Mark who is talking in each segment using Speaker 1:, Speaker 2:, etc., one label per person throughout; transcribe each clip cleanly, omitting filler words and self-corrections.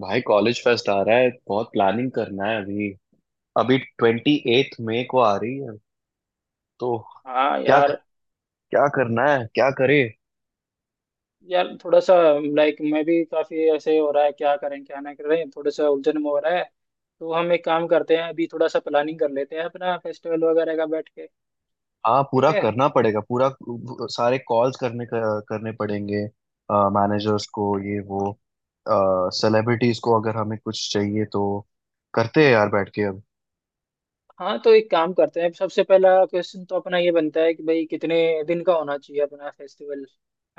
Speaker 1: भाई, college fest आ रहा है। बहुत प्लानिंग करना है अभी। अभी 28 मई को आ रही है, तो
Speaker 2: हाँ
Speaker 1: क्या
Speaker 2: यार।
Speaker 1: क्या करना है, क्या करे।
Speaker 2: थोड़ा सा लाइक मैं भी काफी ऐसे हो रहा है, क्या करें क्या ना करें, थोड़ा सा उलझन में हो रहा है। तो हम एक काम करते हैं, अभी थोड़ा सा प्लानिंग कर लेते हैं अपना फेस्टिवल वगैरह का बैठ के।
Speaker 1: हाँ, पूरा
Speaker 2: ठीक है।
Speaker 1: करना पड़ेगा पूरा। सारे कॉल्स करने करने पड़ेंगे। मैनेजर्स को ये वो, सेलिब्रिटीज को, अगर हमें कुछ चाहिए तो। करते हैं यार बैठ के अब।
Speaker 2: हाँ तो एक काम करते हैं, सबसे पहला क्वेश्चन तो अपना ये बनता है कि भाई कितने दिन का होना चाहिए अपना फेस्टिवल,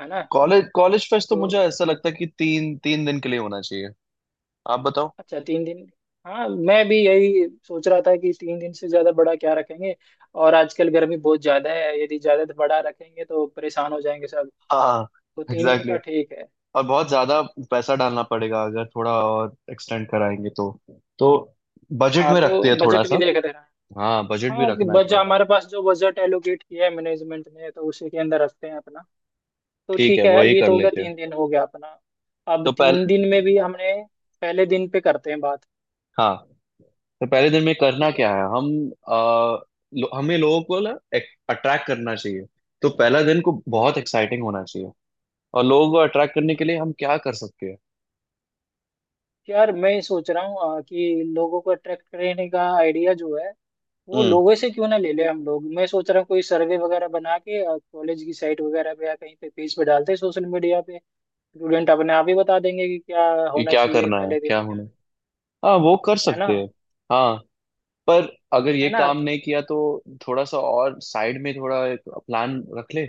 Speaker 2: है ना?
Speaker 1: कॉलेज कॉलेज फेस्ट तो
Speaker 2: तो
Speaker 1: मुझे ऐसा लगता है कि 3-3 दिन के लिए होना चाहिए। आप बताओ।
Speaker 2: अच्छा, तीन दिन। हाँ मैं भी यही सोच रहा था कि तीन दिन से ज्यादा बड़ा क्या रखेंगे, और आजकल गर्मी बहुत ज्यादा है, यदि ज्यादा बड़ा रखेंगे तो परेशान हो जाएंगे सब।
Speaker 1: हाँ।
Speaker 2: तो तीन दिन
Speaker 1: एग्जैक्टली।
Speaker 2: का ठीक है।
Speaker 1: और बहुत ज्यादा पैसा डालना पड़ेगा, अगर थोड़ा और एक्सटेंड कराएंगे तो। तो बजट
Speaker 2: हाँ
Speaker 1: में
Speaker 2: तो
Speaker 1: रखते हैं थोड़ा
Speaker 2: बजट भी
Speaker 1: सा।
Speaker 2: देख रहे हैं।
Speaker 1: हाँ, बजट भी
Speaker 2: हाँ कि
Speaker 1: रखना है
Speaker 2: बजट,
Speaker 1: थोड़ा।
Speaker 2: हमारे पास जो बजट एलोकेट किया है मैनेजमेंट ने, तो उसी के अंदर रखते हैं अपना। तो
Speaker 1: ठीक है,
Speaker 2: ठीक है,
Speaker 1: वही
Speaker 2: ये
Speaker 1: कर
Speaker 2: तो हो गया,
Speaker 1: लेते हैं।
Speaker 2: तीन दिन हो गया अपना। अब
Speaker 1: तो
Speaker 2: तीन
Speaker 1: पहले।
Speaker 2: दिन में भी हमने पहले दिन पे करते हैं बात।
Speaker 1: हाँ, तो पहले दिन में करना
Speaker 2: ठीक है।
Speaker 1: क्या है हम आ, हमें लोगों को ना अट्रैक्ट करना चाहिए। तो पहला दिन को बहुत एक्साइटिंग होना चाहिए और लोगों को अट्रैक्ट करने के लिए हम क्या कर सकते हैं।
Speaker 2: यार मैं सोच रहा हूँ कि लोगों को अट्रैक्ट करने का आइडिया जो है वो
Speaker 1: हम्म।
Speaker 2: लोगों से क्यों ना ले ले हम लोग। मैं सोच रहा हूँ कोई सर्वे वगैरह बना के कॉलेज की साइट वगैरह पे या कहीं पे पेज पे डालते हैं सोशल मीडिया पे। स्टूडेंट अपने आप ही बता देंगे कि क्या
Speaker 1: कि
Speaker 2: होना
Speaker 1: क्या
Speaker 2: चाहिए
Speaker 1: करना है,
Speaker 2: पहले दिन
Speaker 1: क्या
Speaker 2: क्या।
Speaker 1: होना है। हाँ, वो कर
Speaker 2: है ना?
Speaker 1: सकते हैं। हाँ। पर अगर
Speaker 2: है
Speaker 1: ये
Speaker 2: ना
Speaker 1: काम नहीं किया तो थोड़ा सा और साइड में थोड़ा एक प्लान रख ले।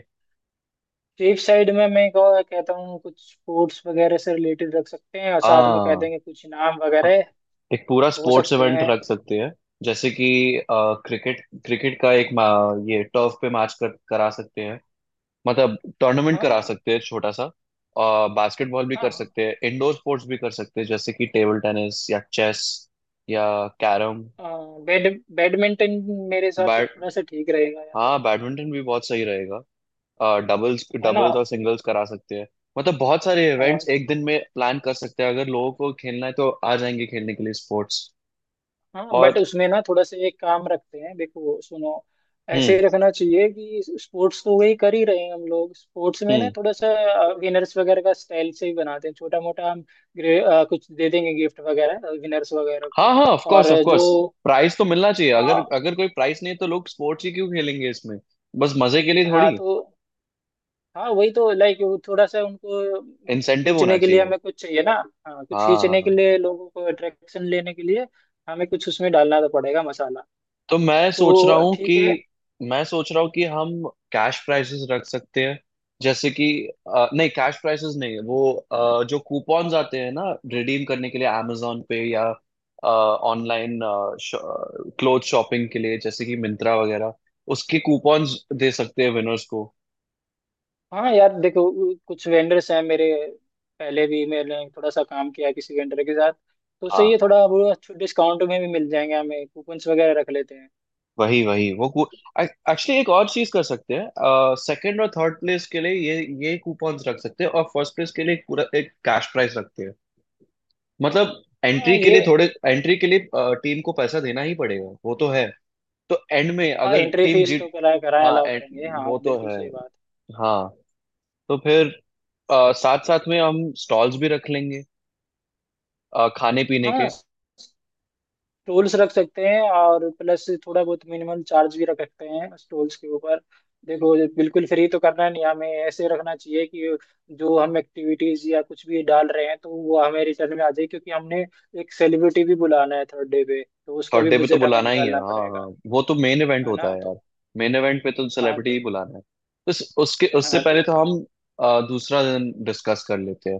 Speaker 2: स्ट्रीट साइड में मैं कहता हूँ कुछ स्पोर्ट्स वगैरह से रिलेटेड रख सकते हैं, और साथ में कह
Speaker 1: हाँ।
Speaker 2: देंगे कुछ इनाम
Speaker 1: हाँ,
Speaker 2: वगैरह।
Speaker 1: एक पूरा
Speaker 2: हो
Speaker 1: स्पोर्ट्स
Speaker 2: सकते
Speaker 1: इवेंट
Speaker 2: हैं।
Speaker 1: रख सकते हैं। जैसे कि क्रिकेट क्रिकेट का एक ये टर्फ पे मैच करा सकते हैं। मतलब टूर्नामेंट करा
Speaker 2: हाँ।
Speaker 1: सकते हैं छोटा सा। और बास्केटबॉल भी कर
Speaker 2: हाँ
Speaker 1: सकते हैं, इंडोर स्पोर्ट्स भी कर सकते हैं, जैसे कि टेबल टेनिस या चेस या कैरम।
Speaker 2: हाँ बैड बैडमिंटन मेरे हिसाब से
Speaker 1: बैड
Speaker 2: थोड़ा सा ठीक रहेगा, या तो
Speaker 1: हाँ, बैडमिंटन भी बहुत सही रहेगा। डबल्स
Speaker 2: है ना।
Speaker 1: डबल्स और सिंगल्स करा सकते हैं। मतलब बहुत सारे
Speaker 2: हाँ।
Speaker 1: इवेंट्स एक दिन में प्लान कर सकते हैं, अगर लोगों को खेलना है तो आ जाएंगे खेलने के लिए स्पोर्ट्स।
Speaker 2: हाँ
Speaker 1: और।
Speaker 2: बट उसमें ना थोड़ा सा एक काम रखते हैं, देखो सुनो, ऐसे
Speaker 1: हम्म।
Speaker 2: ही रखना चाहिए कि स्पोर्ट्स तो वही कर ही रहे हैं हम लोग, स्पोर्ट्स में ना
Speaker 1: हम्म।
Speaker 2: थोड़ा सा विनर्स वगैरह का स्टाइल से ही बनाते हैं छोटा मोटा हम। कुछ दे देंगे गिफ्ट वगैरह विनर्स वगैरह
Speaker 1: हाँ
Speaker 2: को।
Speaker 1: हाँ, ऑफ कोर्स
Speaker 2: और
Speaker 1: ऑफ
Speaker 2: जो
Speaker 1: कोर्स। प्राइस तो मिलना चाहिए। अगर
Speaker 2: हाँ
Speaker 1: अगर कोई प्राइस नहीं है तो लोग स्पोर्ट्स ही क्यों खेलेंगे इसमें? बस मजे के लिए थोड़ी।
Speaker 2: हाँ तो हाँ वही तो लाइक वो थोड़ा सा उनको
Speaker 1: इंसेंटिव होना
Speaker 2: खींचने के लिए
Speaker 1: चाहिए।
Speaker 2: हमें कुछ चाहिए ना। हाँ कुछ
Speaker 1: हाँ हाँ
Speaker 2: खींचने के
Speaker 1: हाँ।
Speaker 2: लिए, लोगों को अट्रैक्शन लेने के लिए हमें कुछ उसमें डालना तो पड़ेगा मसाला।
Speaker 1: तो मैं सोच रहा
Speaker 2: तो
Speaker 1: हूँ कि
Speaker 2: ठीक है।
Speaker 1: हम कैश प्राइसेस रख सकते हैं। जैसे कि नहीं, कैश प्राइसेस नहीं। वो जो कूपन्स आते हैं ना, रिडीम करने के लिए amazon पे या ऑनलाइन क्लोथ शॉपिंग के लिए, जैसे कि मिंत्रा वगैरह, उसके कूपन्स दे सकते हैं विनर्स को।
Speaker 2: हाँ यार देखो, कुछ वेंडर्स हैं मेरे, पहले भी मैंने थोड़ा सा काम किया है किसी वेंडर के साथ, तो
Speaker 1: हाँ।
Speaker 2: सही है, थोड़ा वो डिस्काउंट में भी मिल जाएंगे हमें, कूपन्स वगैरह रख लेते हैं।
Speaker 1: वही वही वो एक्चुअली एक और चीज कर सकते हैं। सेकंड और थर्ड प्लेस के लिए ये कूपन्स रख सकते हैं और फर्स्ट प्लेस के लिए एक पूरा एक कैश प्राइस रखते हैं। मतलब
Speaker 2: हाँ ये
Speaker 1: एंट्री के लिए टीम को पैसा देना ही पड़ेगा, वो तो है। तो एंड में
Speaker 2: हाँ,
Speaker 1: अगर
Speaker 2: एंट्री
Speaker 1: टीम
Speaker 2: फीस तो
Speaker 1: जीत।
Speaker 2: करा कराया
Speaker 1: हाँ
Speaker 2: अलाउ
Speaker 1: एंड।
Speaker 2: करेंगे, हाँ
Speaker 1: वो तो
Speaker 2: बिल्कुल
Speaker 1: है।
Speaker 2: सही बात।
Speaker 1: हाँ। तो फिर साथ साथ में हम स्टॉल्स भी रख लेंगे खाने पीने
Speaker 2: हाँ
Speaker 1: के।
Speaker 2: टूल्स रख सकते हैं, और प्लस थोड़ा बहुत मिनिमम चार्ज भी रख सकते हैं उस टूल्स के ऊपर। देखो बिल्कुल फ्री तो करना नहीं, हमें ऐसे रखना चाहिए कि जो हम एक्टिविटीज या कुछ भी डाल रहे हैं तो वो हमें रिटर्न में आ जाए, क्योंकि हमने एक सेलिब्रिटी भी बुलाना है थर्ड डे पे, तो उसका
Speaker 1: थर्ड
Speaker 2: भी
Speaker 1: डे पे तो
Speaker 2: बजट हमें
Speaker 1: बुलाना ही है,
Speaker 2: निकालना
Speaker 1: हाँ हाँ।
Speaker 2: पड़ेगा।
Speaker 1: वो तो मेन इवेंट
Speaker 2: है
Speaker 1: होता
Speaker 2: ना?
Speaker 1: है यार। मेन इवेंट पे तो
Speaker 2: हाँ
Speaker 1: सेलिब्रिटी ही
Speaker 2: तो
Speaker 1: बुलाना है, तो उसके उससे
Speaker 2: हाँ
Speaker 1: पहले
Speaker 2: तो
Speaker 1: तो हम दूसरा दिन डिस्कस कर लेते हैं।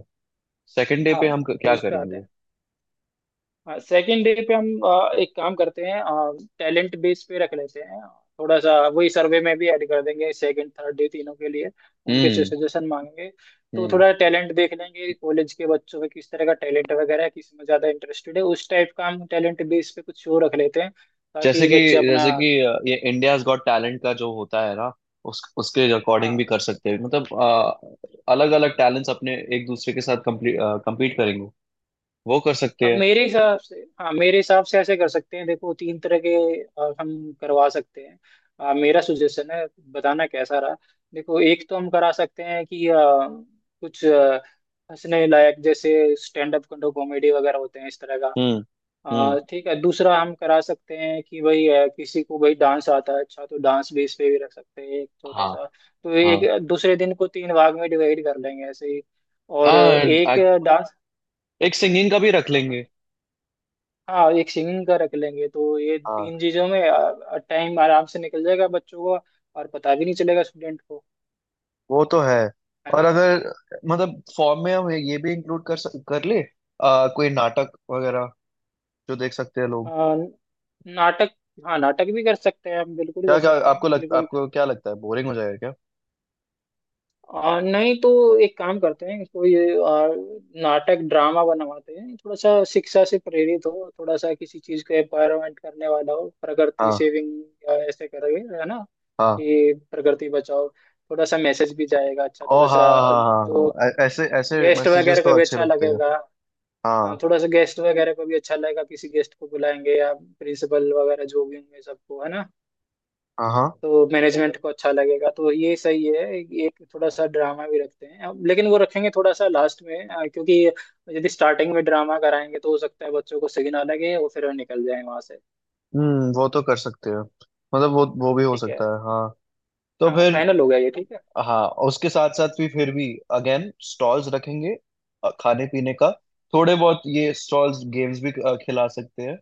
Speaker 1: सेकंड डे
Speaker 2: हाँ
Speaker 1: पे हम
Speaker 2: तो
Speaker 1: क्या
Speaker 2: उस पे आते
Speaker 1: करेंगे।
Speaker 2: हैं। सेकेंड डे पे हम एक काम करते हैं, टैलेंट बेस पे रख लेते हैं, थोड़ा सा वही सर्वे में भी ऐड कर देंगे सेकंड थर्ड डे तीनों के लिए। उनके से
Speaker 1: हम्म।
Speaker 2: सजेशन मांगेंगे, तो
Speaker 1: हम्म।
Speaker 2: थोड़ा टैलेंट देख लेंगे कॉलेज के बच्चों में, किस तरह का टैलेंट वगैरह है, किस में ज्यादा इंटरेस्टेड है, उस टाइप का हम टैलेंट बेस पे कुछ शो रख लेते हैं
Speaker 1: जैसे
Speaker 2: ताकि
Speaker 1: कि
Speaker 2: बच्चे अपना।
Speaker 1: जैसे कि ये इंडियाज गॉट टैलेंट का जो होता है ना, उस उसके अकॉर्डिंग
Speaker 2: हाँ,
Speaker 1: भी कर सकते हैं। मतलब अलग अलग टैलेंट्स अपने एक दूसरे के साथ कम्पीट करेंगे। वो कर सकते
Speaker 2: अब
Speaker 1: हैं।
Speaker 2: मेरे हिसाब से, हाँ मेरे हिसाब से ऐसे कर सकते हैं, देखो तीन तरह के हम करवा सकते हैं। मेरा सुजेशन है, बताना कैसा रहा। देखो एक तो हम करा सकते हैं कि कुछ हंसने लायक जैसे स्टैंड अप कॉमेडी वगैरह होते हैं, इस तरह का।
Speaker 1: हम्म। हम्म।
Speaker 2: ठीक है, दूसरा हम करा सकते हैं कि भाई किसी को भाई डांस आता है अच्छा, तो डांस बेस पे भी रख सकते हैं एक छोटा
Speaker 1: हाँ।
Speaker 2: सा। तो
Speaker 1: हाँ
Speaker 2: एक दूसरे दिन को तीन भाग में डिवाइड कर लेंगे ऐसे ही, और
Speaker 1: हाँ
Speaker 2: एक
Speaker 1: आ-
Speaker 2: डांस।
Speaker 1: एक सिंगिंग का भी रख
Speaker 2: हाँ हाँ।
Speaker 1: लेंगे।
Speaker 2: हाँ एक सिंगिंग का रख लेंगे, तो ये
Speaker 1: हाँ।
Speaker 2: तीन चीजों में टाइम आराम से निकल जाएगा बच्चों को, और पता भी नहीं चलेगा स्टूडेंट को,
Speaker 1: वो तो है।
Speaker 2: है
Speaker 1: और
Speaker 2: ना।
Speaker 1: अगर मतलब फॉर्म में हम ये भी कर ले कोई नाटक वगैरह जो देख सकते हैं
Speaker 2: अ,
Speaker 1: लोग।
Speaker 2: नाटक। हाँ नाटक भी कर सकते हैं हम, बिल्कुल
Speaker 1: क्या
Speaker 2: कर
Speaker 1: क्या
Speaker 2: सकते
Speaker 1: आपको
Speaker 2: हैं
Speaker 1: लग
Speaker 2: बिल्कुल।
Speaker 1: आपको क्या लगता है, बोरिंग हो जाएगा क्या?
Speaker 2: नहीं तो एक काम करते हैं, कोई नाटक ड्रामा बनवाते हैं, थोड़ा सा शिक्षा से प्रेरित हो, थोड़ा सा किसी चीज को एम्पावरमेंट करने वाला हो, प्रकृति
Speaker 1: हाँ
Speaker 2: सेविंग या ऐसे करके, है ना,
Speaker 1: हाँ।
Speaker 2: कि प्रकृति बचाओ, थोड़ा सा मैसेज भी जाएगा अच्छा।
Speaker 1: ओ
Speaker 2: थोड़ा
Speaker 1: हाँ
Speaker 2: सा
Speaker 1: हाँ। हाँ हाँ
Speaker 2: जो
Speaker 1: हाँ, ऐ- ऐसे ऐसे
Speaker 2: गेस्ट
Speaker 1: मैसेजेस
Speaker 2: वगैरह को
Speaker 1: तो
Speaker 2: भी
Speaker 1: अच्छे
Speaker 2: अच्छा
Speaker 1: लगते हैं।
Speaker 2: लगेगा। हाँ,
Speaker 1: हाँ।
Speaker 2: थोड़ा सा गेस्ट वगैरह को भी अच्छा लगेगा, किसी गेस्ट को बुलाएंगे या प्रिंसिपल वगैरह जो भी होंगे सबको, है ना।
Speaker 1: हाँ। हाँ।
Speaker 2: तो मैनेजमेंट को अच्छा लगेगा, तो ये सही है। एक थोड़ा सा ड्रामा भी रखते हैं अब, लेकिन वो रखेंगे थोड़ा सा लास्ट में क्योंकि यदि स्टार्टिंग में ड्रामा कराएंगे तो हो सकता है बच्चों को सही ना लगे और फिर वो निकल जाए वहां से।
Speaker 1: हम्म, वो तो कर सकते हैं। मतलब वो भी हो
Speaker 2: ठीक है।
Speaker 1: सकता है, हाँ। तो
Speaker 2: हाँ
Speaker 1: फिर।
Speaker 2: फाइनल हो गया ये, ठीक है।
Speaker 1: हाँ, उसके साथ साथ भी फिर भी अगेन स्टॉल्स रखेंगे खाने पीने का। थोड़े बहुत ये स्टॉल्स, गेम्स भी खिला सकते हैं।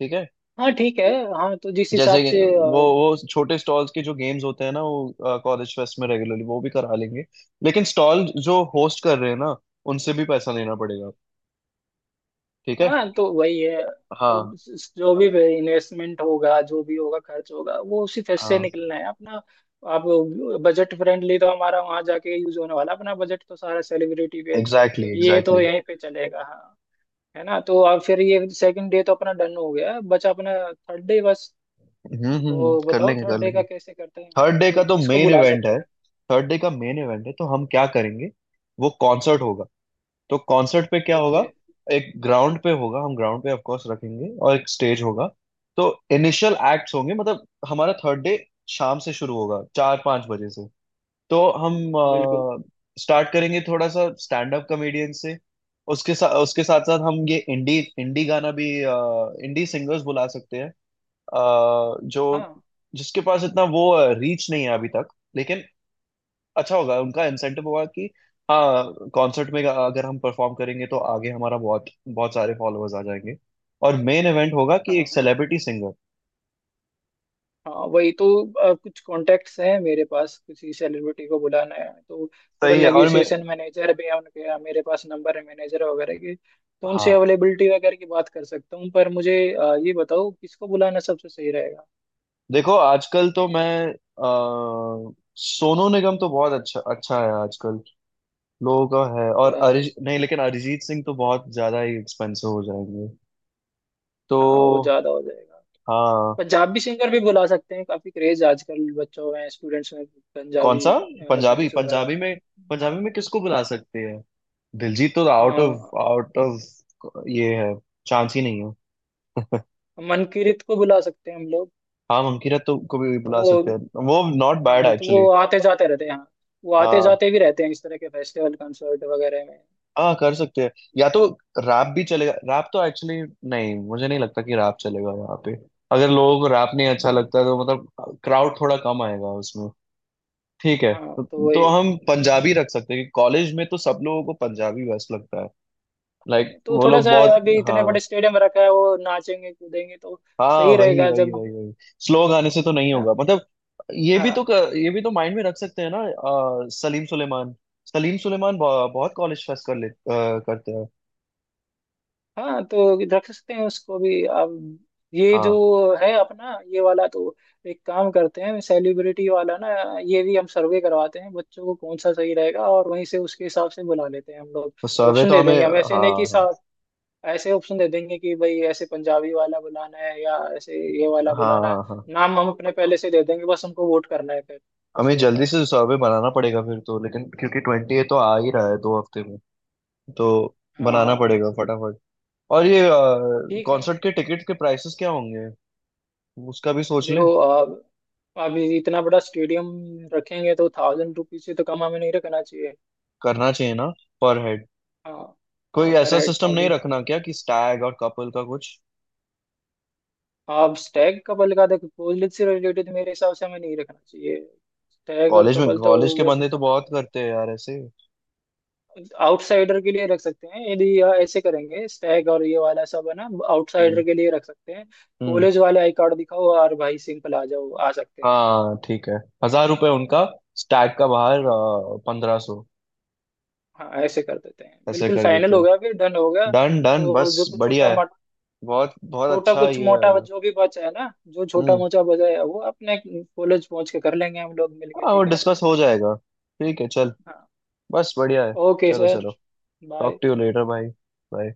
Speaker 1: ठीक है।
Speaker 2: हाँ ठीक है। हाँ तो जिस
Speaker 1: जैसे
Speaker 2: हिसाब
Speaker 1: कि
Speaker 2: से
Speaker 1: वो वो छोटे स्टॉल्स के जो गेम्स होते हैं ना, वो कॉलेज फेस्ट में रेगुलरली वो भी करा लेंगे। लेकिन स्टॉल जो होस्ट कर रहे हैं ना, उनसे भी पैसा लेना पड़ेगा। ठीक है।
Speaker 2: हाँ तो वही है।
Speaker 1: हाँ।
Speaker 2: जो भी इन्वेस्टमेंट होगा, जो भी होगा खर्च होगा, वो उसी फेस से
Speaker 1: हाँ,
Speaker 2: निकलना है अपना। आप बजट फ्रेंडली तो हमारा, वहां जाके यूज होने वाला अपना बजट तो सारा सेलिब्रिटी पे,
Speaker 1: एग्जैक्टली
Speaker 2: क्योंकि ये तो
Speaker 1: एग्जैक्टली।
Speaker 2: यहीं पे चलेगा। हाँ, है ना। तो अब फिर ये सेकंड डे तो अपना डन हो गया, बचा अपना थर्ड डे बस। तो
Speaker 1: कर
Speaker 2: बताओ
Speaker 1: लेंगे कर
Speaker 2: थर्ड डे
Speaker 1: लेंगे।
Speaker 2: का कैसे करते हैं हम,
Speaker 1: थर्ड डे
Speaker 2: तो
Speaker 1: का तो
Speaker 2: किसको
Speaker 1: मेन
Speaker 2: बुला
Speaker 1: इवेंट
Speaker 2: सकते
Speaker 1: है।
Speaker 2: हैं।
Speaker 1: थर्ड डे का मेन इवेंट है, तो हम क्या करेंगे? वो कॉन्सर्ट होगा। तो कॉन्सर्ट पे क्या
Speaker 2: ओके,
Speaker 1: होगा? एक ग्राउंड पे होगा, हम ग्राउंड पे ऑफ कोर्स रखेंगे और एक स्टेज होगा। तो इनिशियल एक्ट्स होंगे, मतलब हमारा थर्ड डे शाम से शुरू होगा, 4-5 बजे से। तो हम
Speaker 2: बिल्कुल।
Speaker 1: स्टार्ट करेंगे थोड़ा सा स्टैंड अप कॉमेडियन से। उसके साथ साथ हम ये इंडी इंडी गाना भी, इंडी सिंगर्स बुला सकते हैं। जो
Speaker 2: हाँ
Speaker 1: जिसके पास इतना वो रीच नहीं है अभी तक, लेकिन अच्छा होगा। उनका इंसेंटिव होगा कि हाँ, कॉन्सर्ट में अगर हम परफॉर्म करेंगे तो आगे हमारा बहुत बहुत सारे फॉलोअर्स आ जाएंगे। और मेन इवेंट होगा
Speaker 2: हाँ।
Speaker 1: कि एक
Speaker 2: हाँ
Speaker 1: सेलिब्रिटी सिंगर।
Speaker 2: हाँ वही तो कुछ कॉन्टेक्ट्स हैं मेरे पास, किसी सेलिब्रिटी को बुलाना है तो थोड़ा
Speaker 1: सही है। और मैं।
Speaker 2: नेगोशिएशन। मैनेजर भी है उनके, मेरे पास नंबर है मैनेजर वगैरह के, तो उनसे
Speaker 1: हाँ
Speaker 2: अवेलेबिलिटी वगैरह की बात कर सकता हूँ, पर मुझे ये बताओ किसको बुलाना सबसे सही रहेगा।
Speaker 1: देखो, आजकल तो मैं अ, सोनू निगम तो बहुत अच्छा अच्छा है आजकल लोगों का, है। और
Speaker 2: अच्छा तो
Speaker 1: अरिज नहीं लेकिन अरिजीत सिंह तो बहुत ज्यादा ही एक्सपेंसिव हो जाएंगे।
Speaker 2: हाँ वो
Speaker 1: तो।
Speaker 2: ज़्यादा हो जाएगा।
Speaker 1: हाँ।
Speaker 2: पंजाबी सिंगर भी बुला सकते हैं, काफ़ी क्रेज आजकल बच्चों में, स्टूडेंट्स में,
Speaker 1: कौन
Speaker 2: पंजाबी
Speaker 1: सा? पंजाबी
Speaker 2: सॉन्ग्स वगैरह में हाँ।
Speaker 1: पंजाबी में किसको बुला सकते हैं दिलजीत तो
Speaker 2: अ,
Speaker 1: आउट ऑफ ये है, चांस ही नहीं है।
Speaker 2: मनकीरत को बुला सकते हैं हम लोग।
Speaker 1: हाँ, मंकीरत को भी बुला
Speaker 2: वो
Speaker 1: सकते हैं। वो नॉट बैड
Speaker 2: हाँ, तो
Speaker 1: एक्चुअली।
Speaker 2: वो आते जाते रहते हैं हाँ, वो आते
Speaker 1: हाँ
Speaker 2: जाते भी रहते हैं इस तरह के फेस्टिवल कंसर्ट वगैरह में।
Speaker 1: हाँ, कर सकते हैं। या तो रैप भी चलेगा। रैप तो एक्चुअली नहीं, मुझे नहीं लगता कि रैप चलेगा यहाँ पे। अगर लोगों को रैप नहीं अच्छा
Speaker 2: हम्म,
Speaker 1: लगता है तो मतलब क्राउड थोड़ा कम आएगा उसमें। ठीक है तो,
Speaker 2: हाँ तो
Speaker 1: तो
Speaker 2: वही।
Speaker 1: हम पंजाबी रख सकते हैं। कॉलेज में तो सब लोगों को पंजाबी बेस्ट लगता है। Like,
Speaker 2: हाँ तो
Speaker 1: वो
Speaker 2: थोड़ा
Speaker 1: लोग
Speaker 2: सा,
Speaker 1: बहुत।
Speaker 2: अभी इतने
Speaker 1: हाँ
Speaker 2: बड़े स्टेडियम रखा है, वो नाचेंगे कूदेंगे तो
Speaker 1: हाँ,
Speaker 2: सही
Speaker 1: वही
Speaker 2: रहेगा,
Speaker 1: वही
Speaker 2: जब
Speaker 1: वही वही। स्लो गाने से तो
Speaker 2: है
Speaker 1: नहीं
Speaker 2: ना।
Speaker 1: होगा, मतलब। ये भी तो
Speaker 2: हाँ।
Speaker 1: ये भी तो माइंड में रख सकते हैं ना। सलीम सुलेमान। सलीम सुलेमान बहुत कॉलेज फेस्ट कर ले करते हैं।
Speaker 2: हाँ तो रख सकते हैं उसको भी। अब ये जो
Speaker 1: हाँ,
Speaker 2: है अपना ये वाला, तो एक काम करते हैं सेलिब्रिटी वाला ना, ये भी हम सर्वे करवाते हैं बच्चों को, कौन सा सही रहेगा और वहीं से उसके हिसाब से बुला लेते हैं हम लोग।
Speaker 1: तो सर्वे
Speaker 2: ऑप्शन
Speaker 1: तो
Speaker 2: दे
Speaker 1: हमें।
Speaker 2: देंगे हम, ऐसे
Speaker 1: हाँ
Speaker 2: नहीं कि
Speaker 1: हाँ
Speaker 2: ऐसे ऑप्शन दे देंगे कि भाई ऐसे पंजाबी वाला बुलाना है या ऐसे ये वाला
Speaker 1: हाँ
Speaker 2: बुलाना है।
Speaker 1: हाँ हाँ।
Speaker 2: नाम हम अपने पहले से दे देंगे, बस हमको वोट करना है फिर
Speaker 1: हमें
Speaker 2: उसके ऊपर।
Speaker 1: जल्दी से सर्वे बनाना पड़ेगा फिर तो, लेकिन क्योंकि 28 तो आ ही रहा है 2 हफ्ते में। तो
Speaker 2: हाँ
Speaker 1: बनाना
Speaker 2: हाँ
Speaker 1: पड़ेगा फटाफट। और ये
Speaker 2: ठीक है।
Speaker 1: कॉन्सर्ट के टिकट के प्राइसेस क्या होंगे, उसका भी सोच
Speaker 2: देखो
Speaker 1: ले।
Speaker 2: अब अभी इतना बड़ा स्टेडियम रखेंगे तो थाउजेंड रुपीज से तो कम हमें नहीं रखना चाहिए।
Speaker 1: करना चाहिए ना, पर हेड।
Speaker 2: हाँ।
Speaker 1: कोई
Speaker 2: हाँ पर
Speaker 1: ऐसा
Speaker 2: हेड
Speaker 1: सिस्टम नहीं
Speaker 2: थाउजेंड रुपीज
Speaker 1: रखना
Speaker 2: होना
Speaker 1: क्या कि स्टैग और कपल का कुछ?
Speaker 2: चाहिए। अब स्टैग कपल का देखो, कोहली से रिलेटेड मेरे हिसाब से हमें नहीं रखना चाहिए, स्टैग और
Speaker 1: कॉलेज में
Speaker 2: कपल तो
Speaker 1: कॉलेज के
Speaker 2: वैसे
Speaker 1: बंदे
Speaker 2: चल
Speaker 1: तो
Speaker 2: रहा
Speaker 1: बहुत
Speaker 2: है।
Speaker 1: करते हैं यार ऐसे।
Speaker 2: आउटसाइडर के लिए रख सकते हैं, यदि यह ऐसे करेंगे स्टैग और ये वाला सब, है ना,
Speaker 1: हम्म।
Speaker 2: आउटसाइडर के लिए रख सकते हैं।
Speaker 1: हम्म।
Speaker 2: कॉलेज वाले आई कार्ड दिखाओ और भाई सिंपल आ जाओ, आ सकते हैं।
Speaker 1: हाँ, ठीक है। 1,000 रुपए उनका, स्टैग का बाहर
Speaker 2: हम्म,
Speaker 1: 1,500।
Speaker 2: हाँ ऐसे कर देते हैं,
Speaker 1: ऐसे
Speaker 2: बिल्कुल
Speaker 1: कर देते
Speaker 2: फाइनल हो
Speaker 1: हैं।
Speaker 2: गया, फिर डन हो गया।
Speaker 1: डन डन,
Speaker 2: तो
Speaker 1: बस।
Speaker 2: जो कुछ छोटा
Speaker 1: बढ़िया है।
Speaker 2: मोटा,
Speaker 1: बहुत बहुत
Speaker 2: छोटा
Speaker 1: अच्छा
Speaker 2: कुछ
Speaker 1: ये
Speaker 2: मोटा
Speaker 1: आएगा।
Speaker 2: जो भी बचा है ना, जो छोटा
Speaker 1: हम्म।
Speaker 2: मोटा बचा है वो अपने कॉलेज पहुंच के कर लेंगे हम लोग मिलके।
Speaker 1: हाँ, वो
Speaker 2: ठीक है।
Speaker 1: डिस्कस हो जाएगा। ठीक है, चल।
Speaker 2: हाँ।
Speaker 1: बस बढ़िया है।
Speaker 2: ओके
Speaker 1: चलो
Speaker 2: सर,
Speaker 1: चलो। Talk
Speaker 2: bye.
Speaker 1: To you later भाई। बाय।